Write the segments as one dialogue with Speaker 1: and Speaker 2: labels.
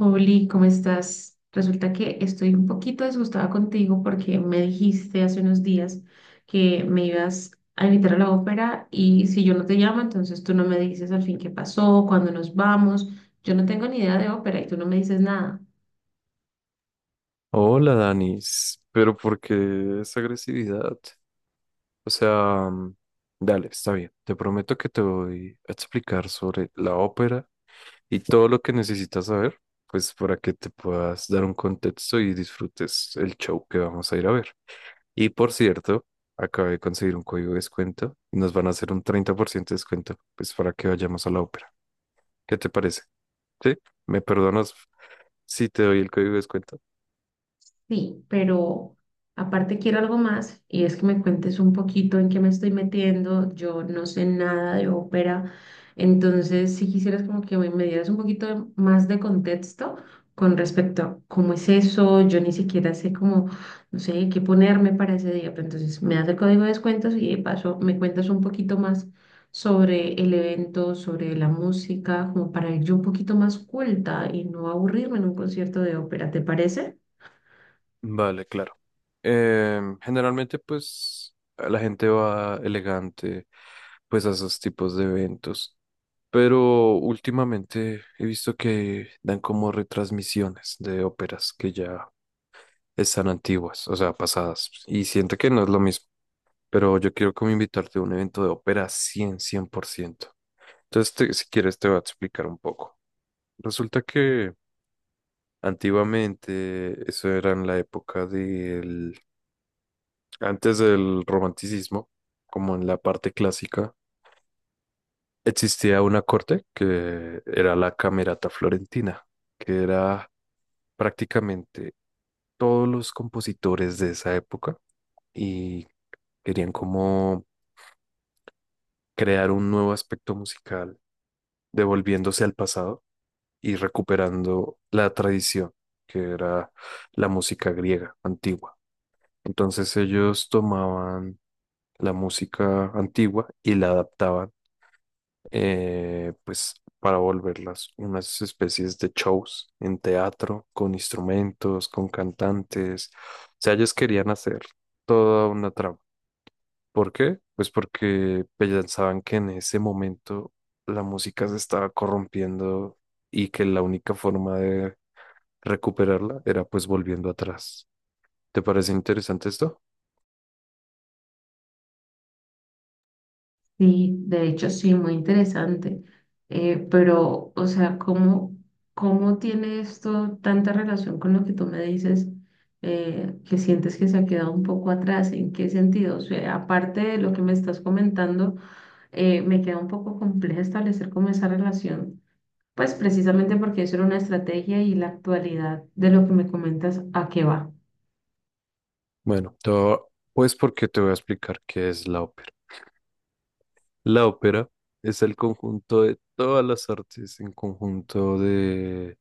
Speaker 1: Oli, ¿cómo estás? Resulta que estoy un poquito disgustada contigo porque me dijiste hace unos días que me ibas a invitar a la ópera y si yo no te llamo, entonces tú no me dices al fin qué pasó, cuándo nos vamos. Yo no tengo ni idea de ópera y tú no me dices nada.
Speaker 2: Hola, Danis, pero ¿por qué esa agresividad? O sea, dale, está bien. Te prometo que te voy a explicar sobre la ópera y todo lo que necesitas saber, pues para que te puedas dar un contexto y disfrutes el show que vamos a ir a ver. Y por cierto, acabé de conseguir un código de descuento y nos van a hacer un 30% de descuento, pues para que vayamos a la ópera. ¿Qué te parece? ¿Sí? ¿Me perdonas si te doy el código de descuento?
Speaker 1: Sí, pero aparte quiero algo más y es que me cuentes un poquito en qué me estoy metiendo. Yo no sé nada de ópera, entonces si quisieras como que me dieras un poquito más de contexto con respecto a cómo es eso, yo ni siquiera sé cómo, no sé, qué ponerme para ese día, pero entonces me das el código de descuentos y de paso me cuentas un poquito más sobre el evento, sobre la música, como para ir yo un poquito más culta y no aburrirme en un concierto de ópera, ¿te parece?
Speaker 2: Vale, claro. Generalmente, pues, la gente va elegante, pues, a esos tipos de eventos. Pero últimamente he visto que dan como retransmisiones de óperas que ya están antiguas, o sea, pasadas. Y siento que no es lo mismo. Pero yo quiero como invitarte a un evento de ópera cien por ciento. Entonces, si quieres, te voy a explicar un poco. Resulta que antiguamente, eso era en la época del antes del romanticismo, como en la parte clásica. Existía una corte que era la Camerata Florentina, que era prácticamente todos los compositores de esa época y querían como crear un nuevo aspecto musical, devolviéndose al pasado y recuperando la tradición, que era la música griega antigua. Entonces ellos tomaban la música antigua y la adaptaban, pues, para volverlas unas especies de shows en teatro, con instrumentos, con cantantes. O sea, ellos querían hacer toda una trama. ¿Por qué? Pues porque pensaban que en ese momento la música se estaba corrompiendo y que la única forma de recuperarla era, pues, volviendo atrás. ¿Te parece interesante esto?
Speaker 1: Sí, de hecho sí, muy interesante. Pero, o sea, ¿cómo tiene esto tanta relación con lo que tú me dices, que sientes que se ha quedado un poco atrás? ¿En qué sentido? O sea, aparte de lo que me estás comentando, me queda un poco compleja establecer como esa relación, pues precisamente porque eso era una estrategia y la actualidad de lo que me comentas, ¿a qué va?
Speaker 2: Bueno, todo, pues porque te voy a explicar qué es la ópera. La ópera es el conjunto de todas las artes, en conjunto de,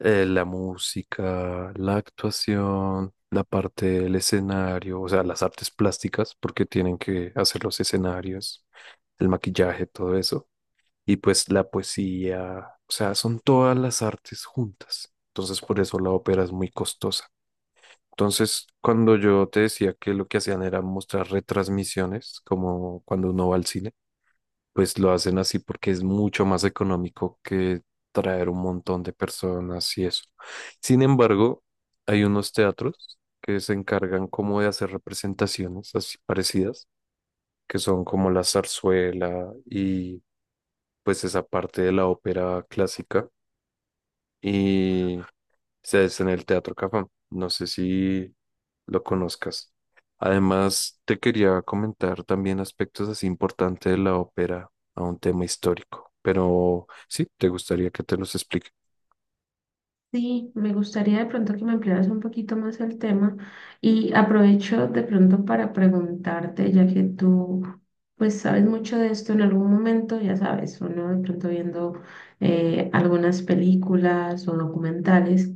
Speaker 2: la música, la actuación, la parte del escenario, o sea, las artes plásticas, porque tienen que hacer los escenarios, el maquillaje, todo eso, y pues la poesía. O sea, son todas las artes juntas. Entonces, por eso la ópera es muy costosa. Entonces, cuando yo te decía que lo que hacían era mostrar retransmisiones, como cuando uno va al cine, pues lo hacen así porque es mucho más económico que traer un montón de personas y eso. Sin embargo, hay unos teatros que se encargan como de hacer representaciones así parecidas, que son como la zarzuela y, pues, esa parte de la ópera clásica, y se hace en el Teatro Cafam. No sé si lo conozcas. Además, te quería comentar también aspectos así importantes de la ópera a un tema histórico, pero sí, te gustaría que te los explique.
Speaker 1: Sí, me gustaría de pronto que me ampliaras un poquito más el tema y aprovecho de pronto para preguntarte, ya que tú pues sabes mucho de esto en algún momento, ya sabes, uno de pronto viendo algunas películas o documentales,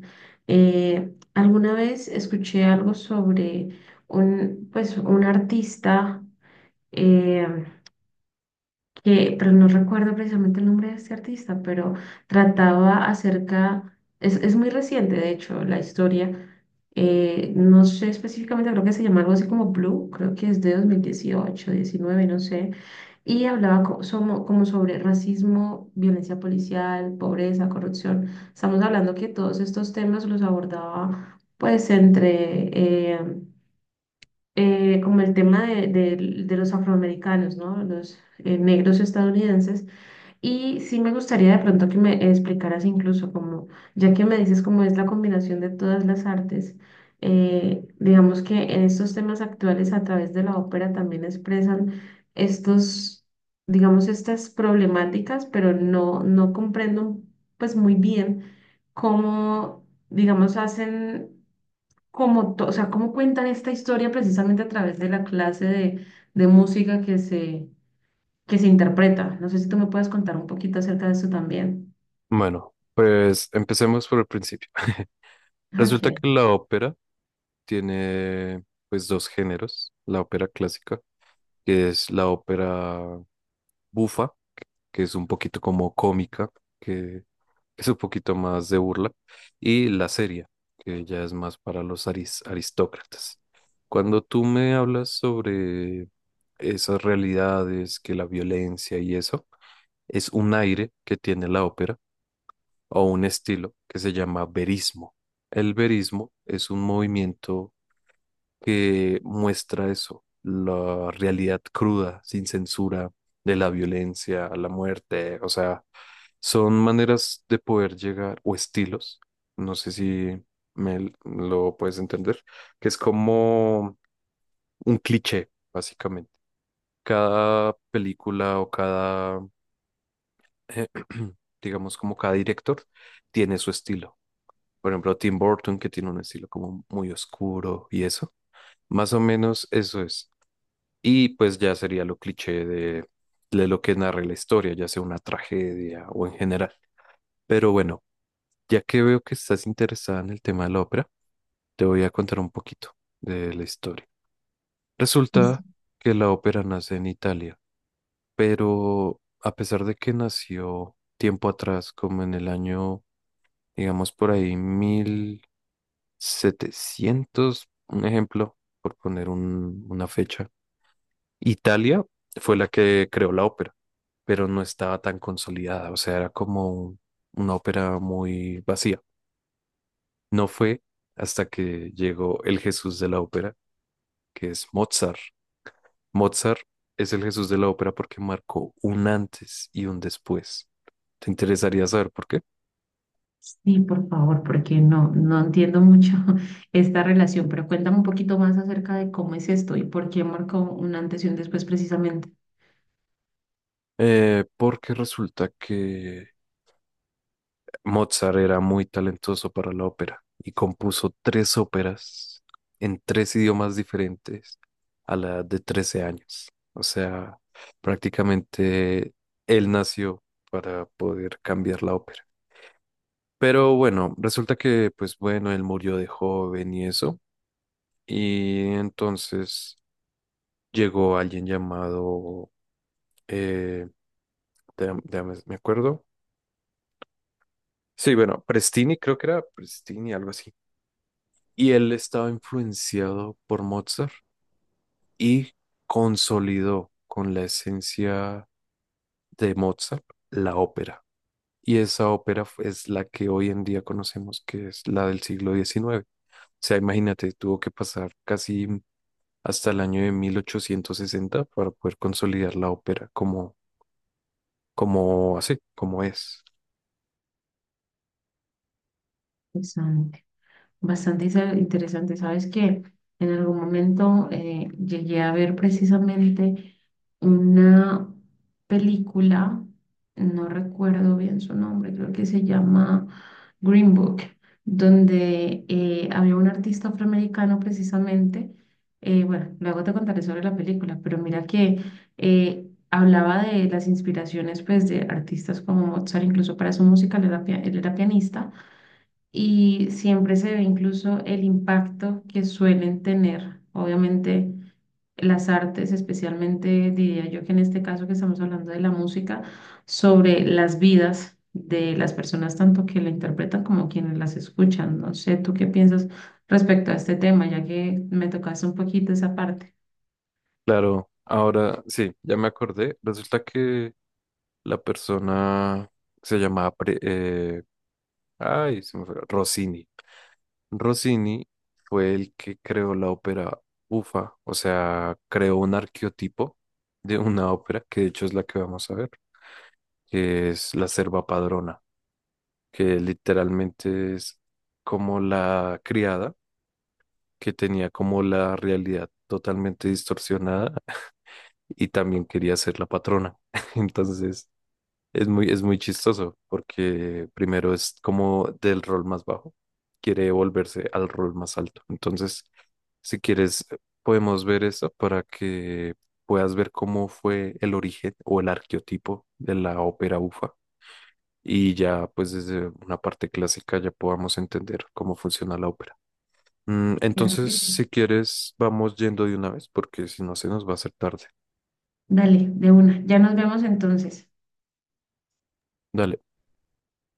Speaker 1: alguna vez escuché algo sobre un pues un artista eh, pero no recuerdo precisamente el nombre de este artista, pero trataba acerca, es muy reciente de hecho la historia, no sé específicamente, creo que se llama algo así como Blue, creo que es de 2018, 19, no sé, y hablaba como, sobre racismo, violencia policial, pobreza, corrupción. Estamos hablando que todos estos temas los abordaba pues eh, como el tema de los afroamericanos, ¿no? Los negros estadounidenses y sí me gustaría de pronto que me explicaras incluso como, ya que me dices cómo es la combinación de todas las artes, digamos que en estos temas actuales a través de la ópera también expresan estos, digamos, estas problemáticas, pero no comprendo pues muy bien cómo, digamos, hacen, como o sea, cómo cuentan esta historia precisamente a través de la clase de música que se interpreta. No sé si tú me puedes contar un poquito acerca de eso también.
Speaker 2: Bueno, pues empecemos por el principio. Resulta
Speaker 1: Ok.
Speaker 2: que la ópera tiene, pues, dos géneros: la ópera clásica, que es la ópera bufa, que es un poquito como cómica, que es un poquito más de burla, y la seria, que ya es más para los aristócratas. Cuando tú me hablas sobre esas realidades, que la violencia y eso, es un aire que tiene la ópera o un estilo que se llama verismo. El verismo es un movimiento que muestra eso, la realidad cruda, sin censura, de la violencia, la muerte. O sea, son maneras de poder llegar, o estilos, no sé si me lo puedes entender, que es como un cliché, básicamente. Cada película o cada, eh, digamos, como cada director tiene su estilo. Por ejemplo, Tim Burton, que tiene un estilo como muy oscuro y eso. Más o menos eso es. Y pues ya sería lo cliché de lo que narra la historia, ya sea una tragedia o en general. Pero bueno, ya que veo que estás interesada en el tema de la ópera, te voy a contar un poquito de la historia.
Speaker 1: Y sí,
Speaker 2: Resulta que la ópera nace en Italia, pero a pesar de que nació tiempo atrás, como en el año, digamos por ahí, 1700, un ejemplo, por poner una fecha. Italia fue la que creó la ópera, pero no estaba tan consolidada, o sea, era como una ópera muy vacía. No fue hasta que llegó el Jesús de la ópera, que es Mozart. Mozart es el Jesús de la ópera porque marcó un antes y un después. ¿Te interesaría saber por qué?
Speaker 1: sí, por favor, porque no entiendo mucho esta relación, pero cuéntame un poquito más acerca de cómo es esto y por qué marcó un antes y un después precisamente.
Speaker 2: Porque resulta que Mozart era muy talentoso para la ópera y compuso tres óperas en tres idiomas diferentes a la edad de 13 años. O sea, prácticamente él nació para poder cambiar la ópera. Pero bueno, resulta que, pues bueno, él murió de joven y eso. Y entonces llegó alguien llamado, eh, me acuerdo. Sí, bueno, Prestini, creo que era Prestini, algo así. Y él estaba influenciado por Mozart y consolidó con la esencia de Mozart la ópera. Y esa ópera es la que hoy en día conocemos, que es la del siglo XIX. O sea, imagínate, tuvo que pasar casi hasta el año de 1860 para poder consolidar la ópera como, como así, como es.
Speaker 1: Exacto. Bastante interesante. Sabes que en algún momento llegué a ver precisamente una película, no recuerdo bien su nombre, creo que se llama Green Book, donde había un artista afroamericano precisamente. Bueno, luego te contaré sobre la película, pero mira que hablaba de las inspiraciones pues, de artistas como Mozart, incluso para su música, él era pianista y siempre se ve incluso el impacto que suelen tener, obviamente, las artes, especialmente diría yo que en este caso que estamos hablando de la música, sobre las vidas de las personas, tanto que la interpretan como quienes las escuchan. No sé, ¿tú qué piensas respecto a este tema, ya que me tocaste un poquito esa parte?
Speaker 2: Claro, ahora sí, ya me acordé. Resulta que la persona se llamaba Ay, se me fue. Rossini. Rossini fue el que creó la ópera bufa, o sea, creó un arqueotipo de una ópera, que de hecho es la que vamos a ver, que es la serva padrona, que literalmente es como la criada, que tenía como la realidad totalmente distorsionada y también quería ser la patrona. Entonces, es muy, es muy chistoso porque primero es como del rol más bajo, quiere volverse al rol más alto. Entonces, si quieres, podemos ver eso para que puedas ver cómo fue el origen o el arqueotipo de la ópera bufa, y ya pues desde una parte clásica ya podamos entender cómo funciona la ópera.
Speaker 1: Claro
Speaker 2: Entonces,
Speaker 1: que sí.
Speaker 2: si quieres, vamos yendo de una vez porque si no se nos va a hacer tarde.
Speaker 1: Dale, de una. Ya nos vemos entonces.
Speaker 2: Dale.